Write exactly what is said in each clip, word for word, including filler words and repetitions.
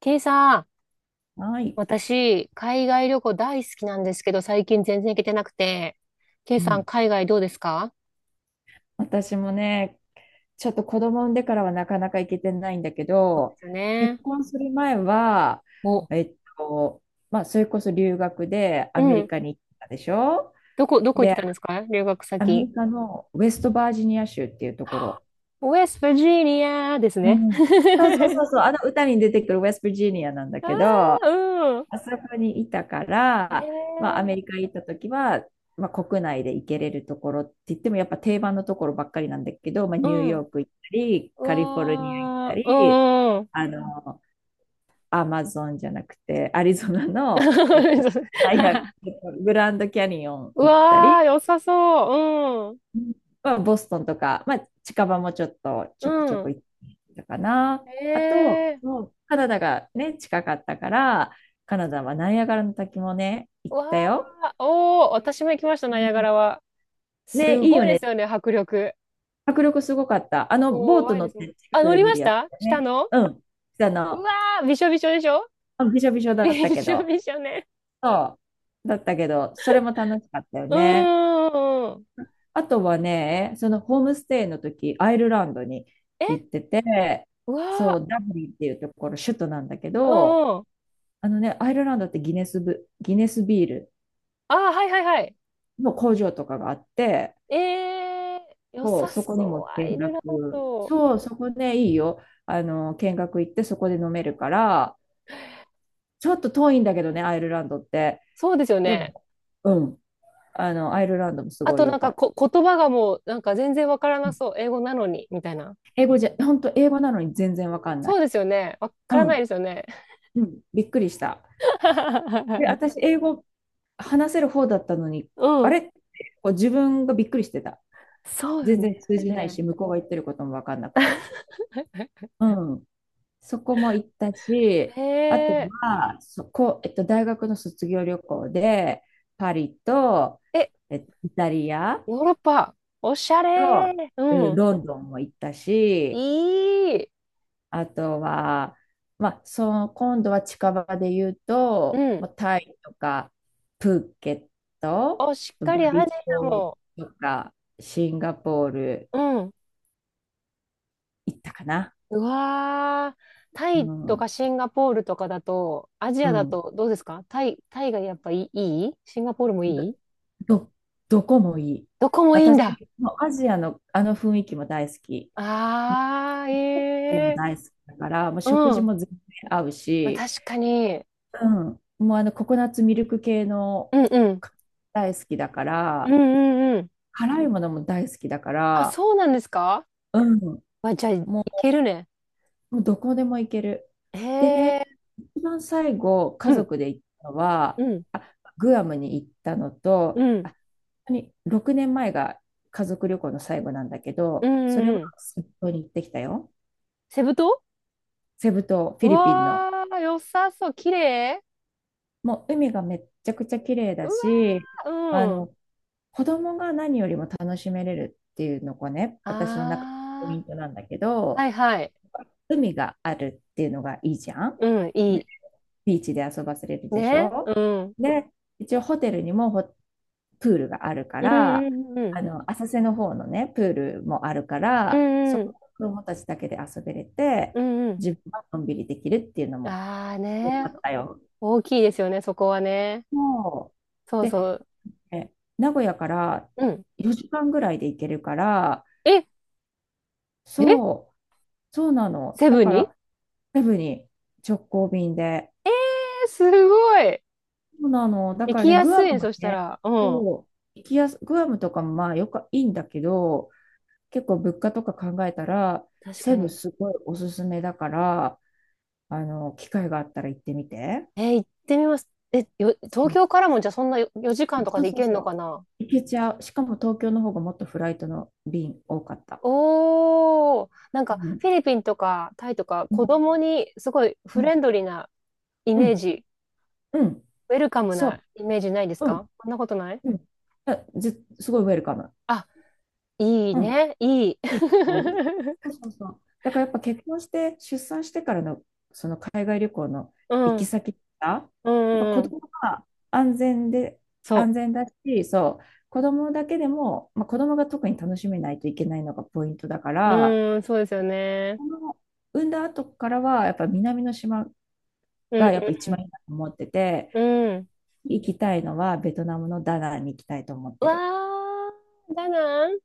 ケイさん、はい。私、海外旅行大好きなんですけど、最近全然行けてなくて。ケイうさん、ん。海外どうですか？私もね、ちょっと子供産んでからはなかなか行けてないんだけそうでど、すよ結ね。婚する前は、お、えっと、まあ、それこそ留学でうアメリん。カに行ったでしょ。どこ、どこ行ってで、たんですか留学アメ先？リカのウェストバージニア州っていうところ。ウェストバージニアですうね。ん。そうそうそ うそう、あの歌に出てくるウェストバージニアなんだあけど、ああ、うん。そこにいたから、まあ、アメええ、リカ行った時は、まあ、国内で行けれるところって言ってもやっぱ定番のところばっかりなんだけど、まあ、うニューん。ヨうーク行ったり、カリフォルニア行ったわー、うり、んうん。あのアマゾンじゃなくてアリゾナの、えっと、大学、 グランドキャニオンう行ったわー、り、良さそう。まあ、ボストンとか、まあ、近場もちょっとうちょくちょん。うくん。行ったかな。あと、ええ、そうカナダがね、近かったから、カナダはナイアガラの滝もね、行うったわよ。ー、おー、私も行きました、うナイアガん。ラは。ね、すいいごよいですね。よね、迫力。迫力すごかった。あの、ボート怖い乗でっすもん。て近あ、く乗でり見まるしやつただよ下ね。の。うん。あうの、わー、びしょびしょでしょ？ びしょびしょ だっびたけしょど、びしょね。そう。だったけど、それも楽しかったようね。ーん。あとはね、そのホームステイの時、アイルランドにえ、行ってて、うそわう、ダブリンっていうところ、首都なんだけー、ど、うんうん。あのね、アイルランドってギネスブ、ギネスビールあー、はいはいはい。の工場とかがあって、えー、良そう、さそこにもそう、ア見イルラン学、ド。そう、そこね、いいよ。あの、見学行ってそこで飲めるから、ちょっと遠いんだけどね、アイルランドって。そうですよでね。も、うん、あの、アイルランドもすあごいとよなんかかった。こ、言葉がもうなんか全然わからうなん、そう。英語なのに、みたいな。英語じゃ、本当英語なのに全然わかんなそい。うですよね。わからうないん、ですよね。うん、びっくりした。で、私、英語話せる方だったのに、うあん。れ、こう自分がびっくりしてた。そうよ全然ね。あ通れじないね。し、向こうが言ってることも分かんなくて。うん。そこも行ったし、へあとえ。は、そこ、えっと、大学の卒業旅行で、パリと、え、えっと、イタリアヨーロッパ、おしゃれと、ー。ううん、ん。ロンドンも行ったし、いい。あとは、まあ、その今度は近場で言ううと、まん。あ、タイとか、プーケット、お、しっバかりアリジア島も。とかシンガポールうん。行ったかな。うわー。タうイとん、かシンガポールとかだと、アジうアだん、とどうですか？タイ、タイがやっぱいい、いいシンガポールもど、いい？どどこもいい。どこもいいんだ。私、もうアジアのあの雰囲気も大好き。もあうもー、ええ大好きだから、もう食ー。う事ん。も全然合うまあ、し、確かに。うん、もうあのココナッツミルク系のうんうん。大好きだかうんら、うんうん。辛いものも大好きだかあ、ら、そうなんですか？うん、まあ、じゃあ、いもけるね。う、もうどこでも行ける。へでね、え。一番最後、う家ん。族で行ったのうは、ん。あ、グアムに行ったのと、うん。あ、本当にろくねんまえが家族旅行の最後なんだけうど、んそれうんうはん。セブ島に行ってきたよ。セブ島。セブ島、フうィリピンの。わー、良さそう。綺麗。もう海がめっちゃくちゃ綺麗うだわし、あー、うん。の、子供が何よりも楽しめれるっていうのがね、私の中のポイあントなんだけー、はど、いはい。海があるっていうのがいいじゃん。うん、いで、い。ビーチで遊ばせれるでしね。うょ。ん。で、一応ホテルにもホプールがあるかうんら、うんうん。あの、浅瀬の方のね、プールもあるかうら、んそうん。こ、子供たちだけで遊べれて、うんうん。自分はのんびりできるっていうのもあーよかね。ったよ。大きいですよね、そこはね。そう、そうそで、う。え名古屋からうん。よじかんぐらいで行けるから、え、え、そう、そうなの。セだブンかにえら、セブに直行便で、ーすごい。そうなの。だ行からきね、やグすアいムね、もそしたね、ら。うん。そう、行きやす、グアムとかもまあよくいいんだけど、結構物価とか考えたら、確セかブに。すごいおすすめだから、あの、機会があったら行ってみて。えー、行ってみます。え、よ、う東ん、京からもじゃあそんなよよじかんとかそうで行そうけんそのかう。な？行けちゃう。しかも東京の方がもっとフライトの便多かった。おー、なんかうん。フィリピンとかタイとかう子ん。供にすごいうフん。レンドリーなイうメーん。ジ、うん、ウェルカムそなイメージないですう。うか？ん。そんなことない？うん。あず、すごいウェルカム。あ、いいうん。ね、いい。いいでしょ。そう そうそう。だからやっぱ結婚して出産してからのその海外旅行のう行きん、先が、うん、やっぱう子んうん、供が安全で、安そ全だし、そう、子供だけでも、まあ、子供が特に楽しめないといけないのがポイントだかう。ら、うん、そうですよね。この産んだ後からはやっぱ南の島うん、がやっぱ一番いいなと思ってて、うん、うん。行きたいのはベトナムのダナンに行きたいと思っうてわる。ー、ダナン、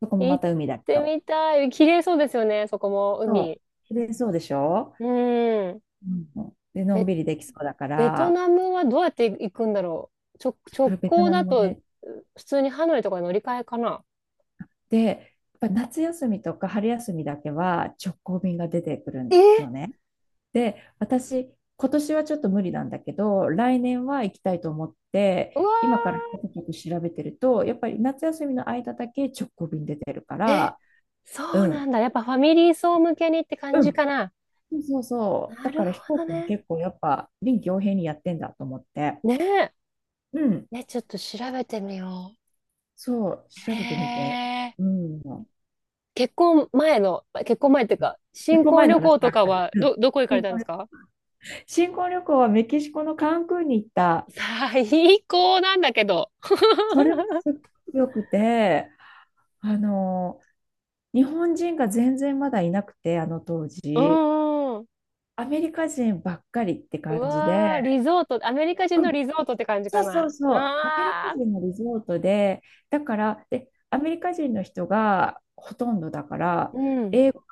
そこもま行った海だけてど。みたい。綺麗そうですよね、そこも、そう。海。綺麗そうでしょ。うん。うん、で、のめんっびりできそうだかベトら、ナムはどうやって行くんだろう。直、そ直れベト行ナだムもと、ね、普通にハノイとかに乗り換えかな。で、やっぱ夏休みとか春休みだけは直行便が出てくるえ、のね。で、私、今年はちょっと無理なんだけど、来年は行きたいと思って、うわ今からちょっと調べてると、やっぱり夏休みの間だけ直行便出てるかー、え、ら、そううなん、んだ。やっぱファミリー層向けにって感うじん、かな。そうそうそう、なだかるら飛ほ行ど機もね。結構やっぱ臨機応変にやってんだと思って、ねえ。うん、ね、ちょっと調べてみよう。そう、へ調べてみて、え。うん。結婚前の、結婚前っていうか、一新個婚前の旅話行とばっかかり。は、うん。ど、どこ行かれ新たんです婚、か？新婚旅行はメキシコのカンクンに行った。最高なんだけど。それもすっ ごくよくて、あの、日本人が全然まだいなくて、あの当うう時。ん。アメリカ人ばっかりってう感じで、わー、リゾート、アメリカ人うのん、リゾートって感じそかうそな。うそう、アメリカああ、人のリゾートで、だから、で、アメリカ人の人がほとんどだから、うん、英語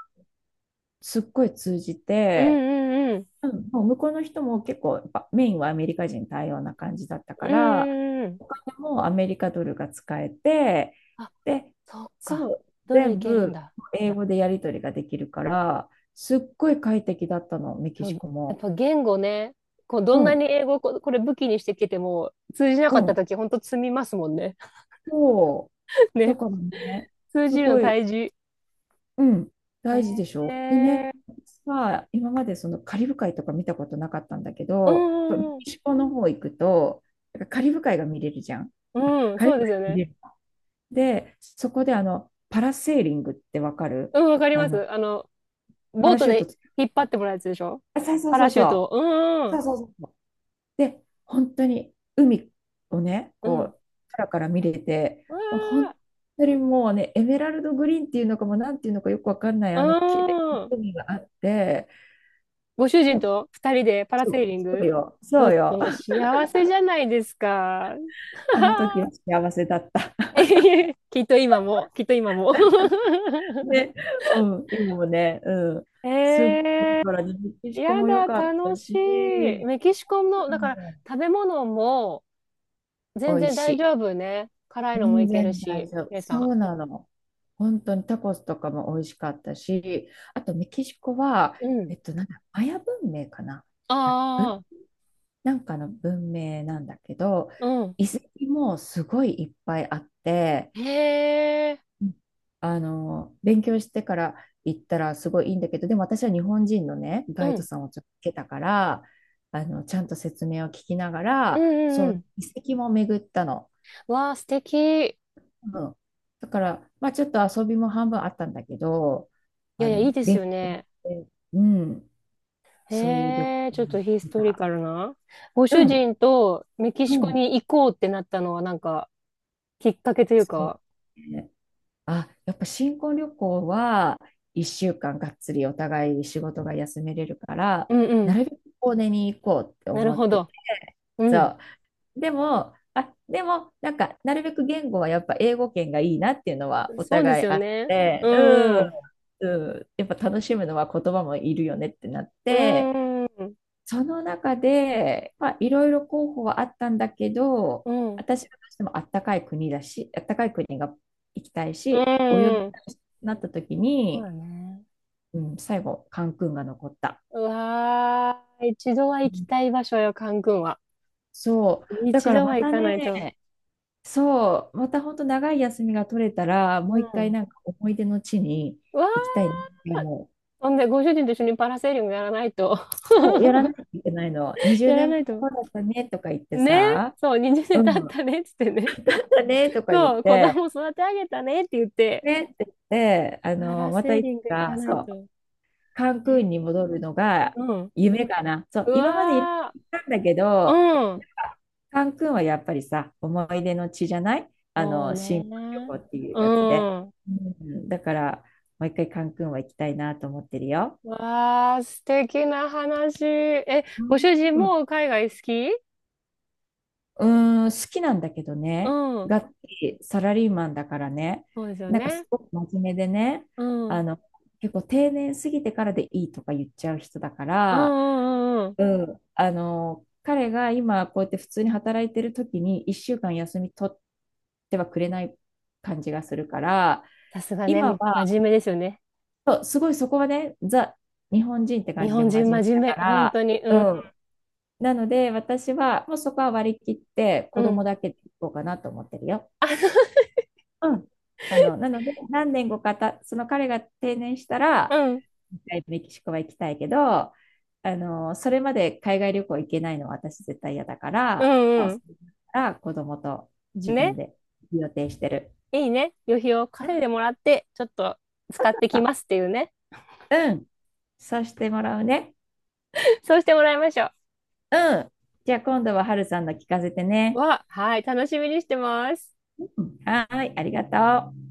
すっごい通じうんて、うんうん、うん、もう向こうの人も結構やっぱメインはアメリカ人対応な感じだったかうら、んうんうん。お金もアメリカドルが使えて、あ、で、そっか。そう、ドルい全けるん部だ。英語でやり取りができるから、すっごい快適だったのメキそう、シコやっも。ぱ言語ね、こうどうんなん、に英語をこ、これ武器にしてきても通じなうかったん、ときほんと積みますもんね。そう、 だね、からね、通すじるのごい、大事。うん、大事でえしょ。でね、ー、私は今までそのカリブ海とか見たことなかったんだけうど、やっぱメんうんキシコの方行くと、なんかカリブ海が見れるじゃん。うん、うん、軽そくうですよ入ね。れる。で、そこであの、パラセーリングってわかる？うん、わかりあまの、す。あの、パボーラトシュートでつけ引っ張った、てもらうやつでしょ？あ、そうそうパそラうシュートそう。を。うんうそうんそうそうそう。で、本当に海をね、うん。こうん。う、空から見れて、うわ本ー。当にもうね、エメラルドグリーンっていうのかも、なんていうのかよくわかんない、ああの、綺麗なあ、海があって、ご主人もう、と二人でパラそセーうリンそうグ。よ、ちょそうっとよ。もう幸せじゃないですか。あの時 は幸せだった。えへへ、きっと今も、きっと今も。ね、うん、今もね、うん、すっえごい、ら、メキー、シコやも良だ、かった楽しい。し、メキシコの、うだからん、食べ物も全美味然し大い。丈夫ね。辛いのも全いける然大し、丈夫。皆さそん。うなの。本当にタコスとかも美味しかったし、あとメキシコは、うえん。っと、なんだ、マヤ文明かなあ、うああ、なんかの文明なんだけど、うん。遺跡もすごいいっぱいあって、へえ、うん、あの、勉強してから行ったらすごいいいんだけど、でも私は日本人のね、ガイうドん。さんをちょっとつけたから、あの、ちゃんと説明を聞きながうんら、うんそうう、ん。遺跡も巡ったの。わあ、素敵。いうん。だから、まあちょっと遊びも半分あったんだけど、やあいや、いいの、です勉よ強ね。で、うん、へそういう旅行え、ちょっとにヒス行っトリた。カルな。ごう主ん、人とメキうシコん、に行こうってなったのはなんかきっかけというそう。か。ね、あ、やっぱ新婚旅行はいっしゅうかんがっつりお互い仕事が休めれるから、うんうなん。るべく遠出に行こうってなる思っほてて、ど。うん。そう。でも、あ、でも、なんか、なるべく言語はやっぱ英語圏がいいなっていうのはおそうです互いよあっね。て、ううん、ん。うん、やっぱ楽しむのは言葉もいるよねってなっうて、ん。うん。その中で、まあ、いろいろ候補はあったんだけど、うん。私はどうしてもあったかい国だし、あったかい国が行きたいうし、泳ぎん、たいしなった時そうだに、ね。うん、最後、カンクンが残った。うわー、一度はう行きん、たい場所よ、カン君は。そう。だ一から度まは行たかないと。ね、そう、また本当長い休みが取れたら、うもう一回ん。なんか思い出の地にうわー、行きたいなって思う。ほんで、ご主人と一緒にパラセーリングやらないと。そう、やらな いといけないの。20やら年ない前と。こうだったねとか言ってね、さ、そう、にじゅうねんうん、経っだたねっつってね。ねとか言っそう、子て、供育て上げたねって言って、ねって言って、あパの、ラまたセーいつリング行かか、ないそう、と。カンえクンにー、戻るのがうん。夢かな。そう、う今までいろいわろ行ったんだけど、ー、うん。カンクンはやっぱりさ、思い出の地じゃない、あそうの、新婚旅ね。行っていううやつで。ん。うん、だから、もう一回カンクンは行きたいなと思ってるよ。うわー、素敵な話。え、うごん、主人も海外好き？うーん、好きなんだけどうね、ん。がっつりサラリーマンだからね、そうですよなんかね。すごく真面目でね、うん。うあんの、結構定年過ぎてからでいいとか言っちゃう人だかうんら、うん、うん。うん、あの、彼が今こうやって普通に働いてる時にいっしゅうかん休み取ってはくれない感じがするから、さすがね、今は、真面目ですよね。そう、すごいそこはね、ザ、日本人って感日じで本真人面目真面だか目、本ら、当に。うん。うん、なので、私はもうそこは割り切ってう子供ん。だけで行こうかなと思ってるよ。あ、うん。あの、なので、何年後かた、その彼が定年したら、うん。一回メキシコは行きたいけど、あの、それまで海外旅行行けないのは私絶対嫌だかうら、もんううそん。れから子供と自ね。分で予定してる。いいね。旅費をうん、そ稼いでもうらって、ちょっとそ使うってそきますっていうね。う、うん、そうしてもらうね。そうしてもらいましょうん。じゃあ今度は春さんの聞かせてう。ね。わ、はい、楽しみにしてます。うん、はーい、ありがとう。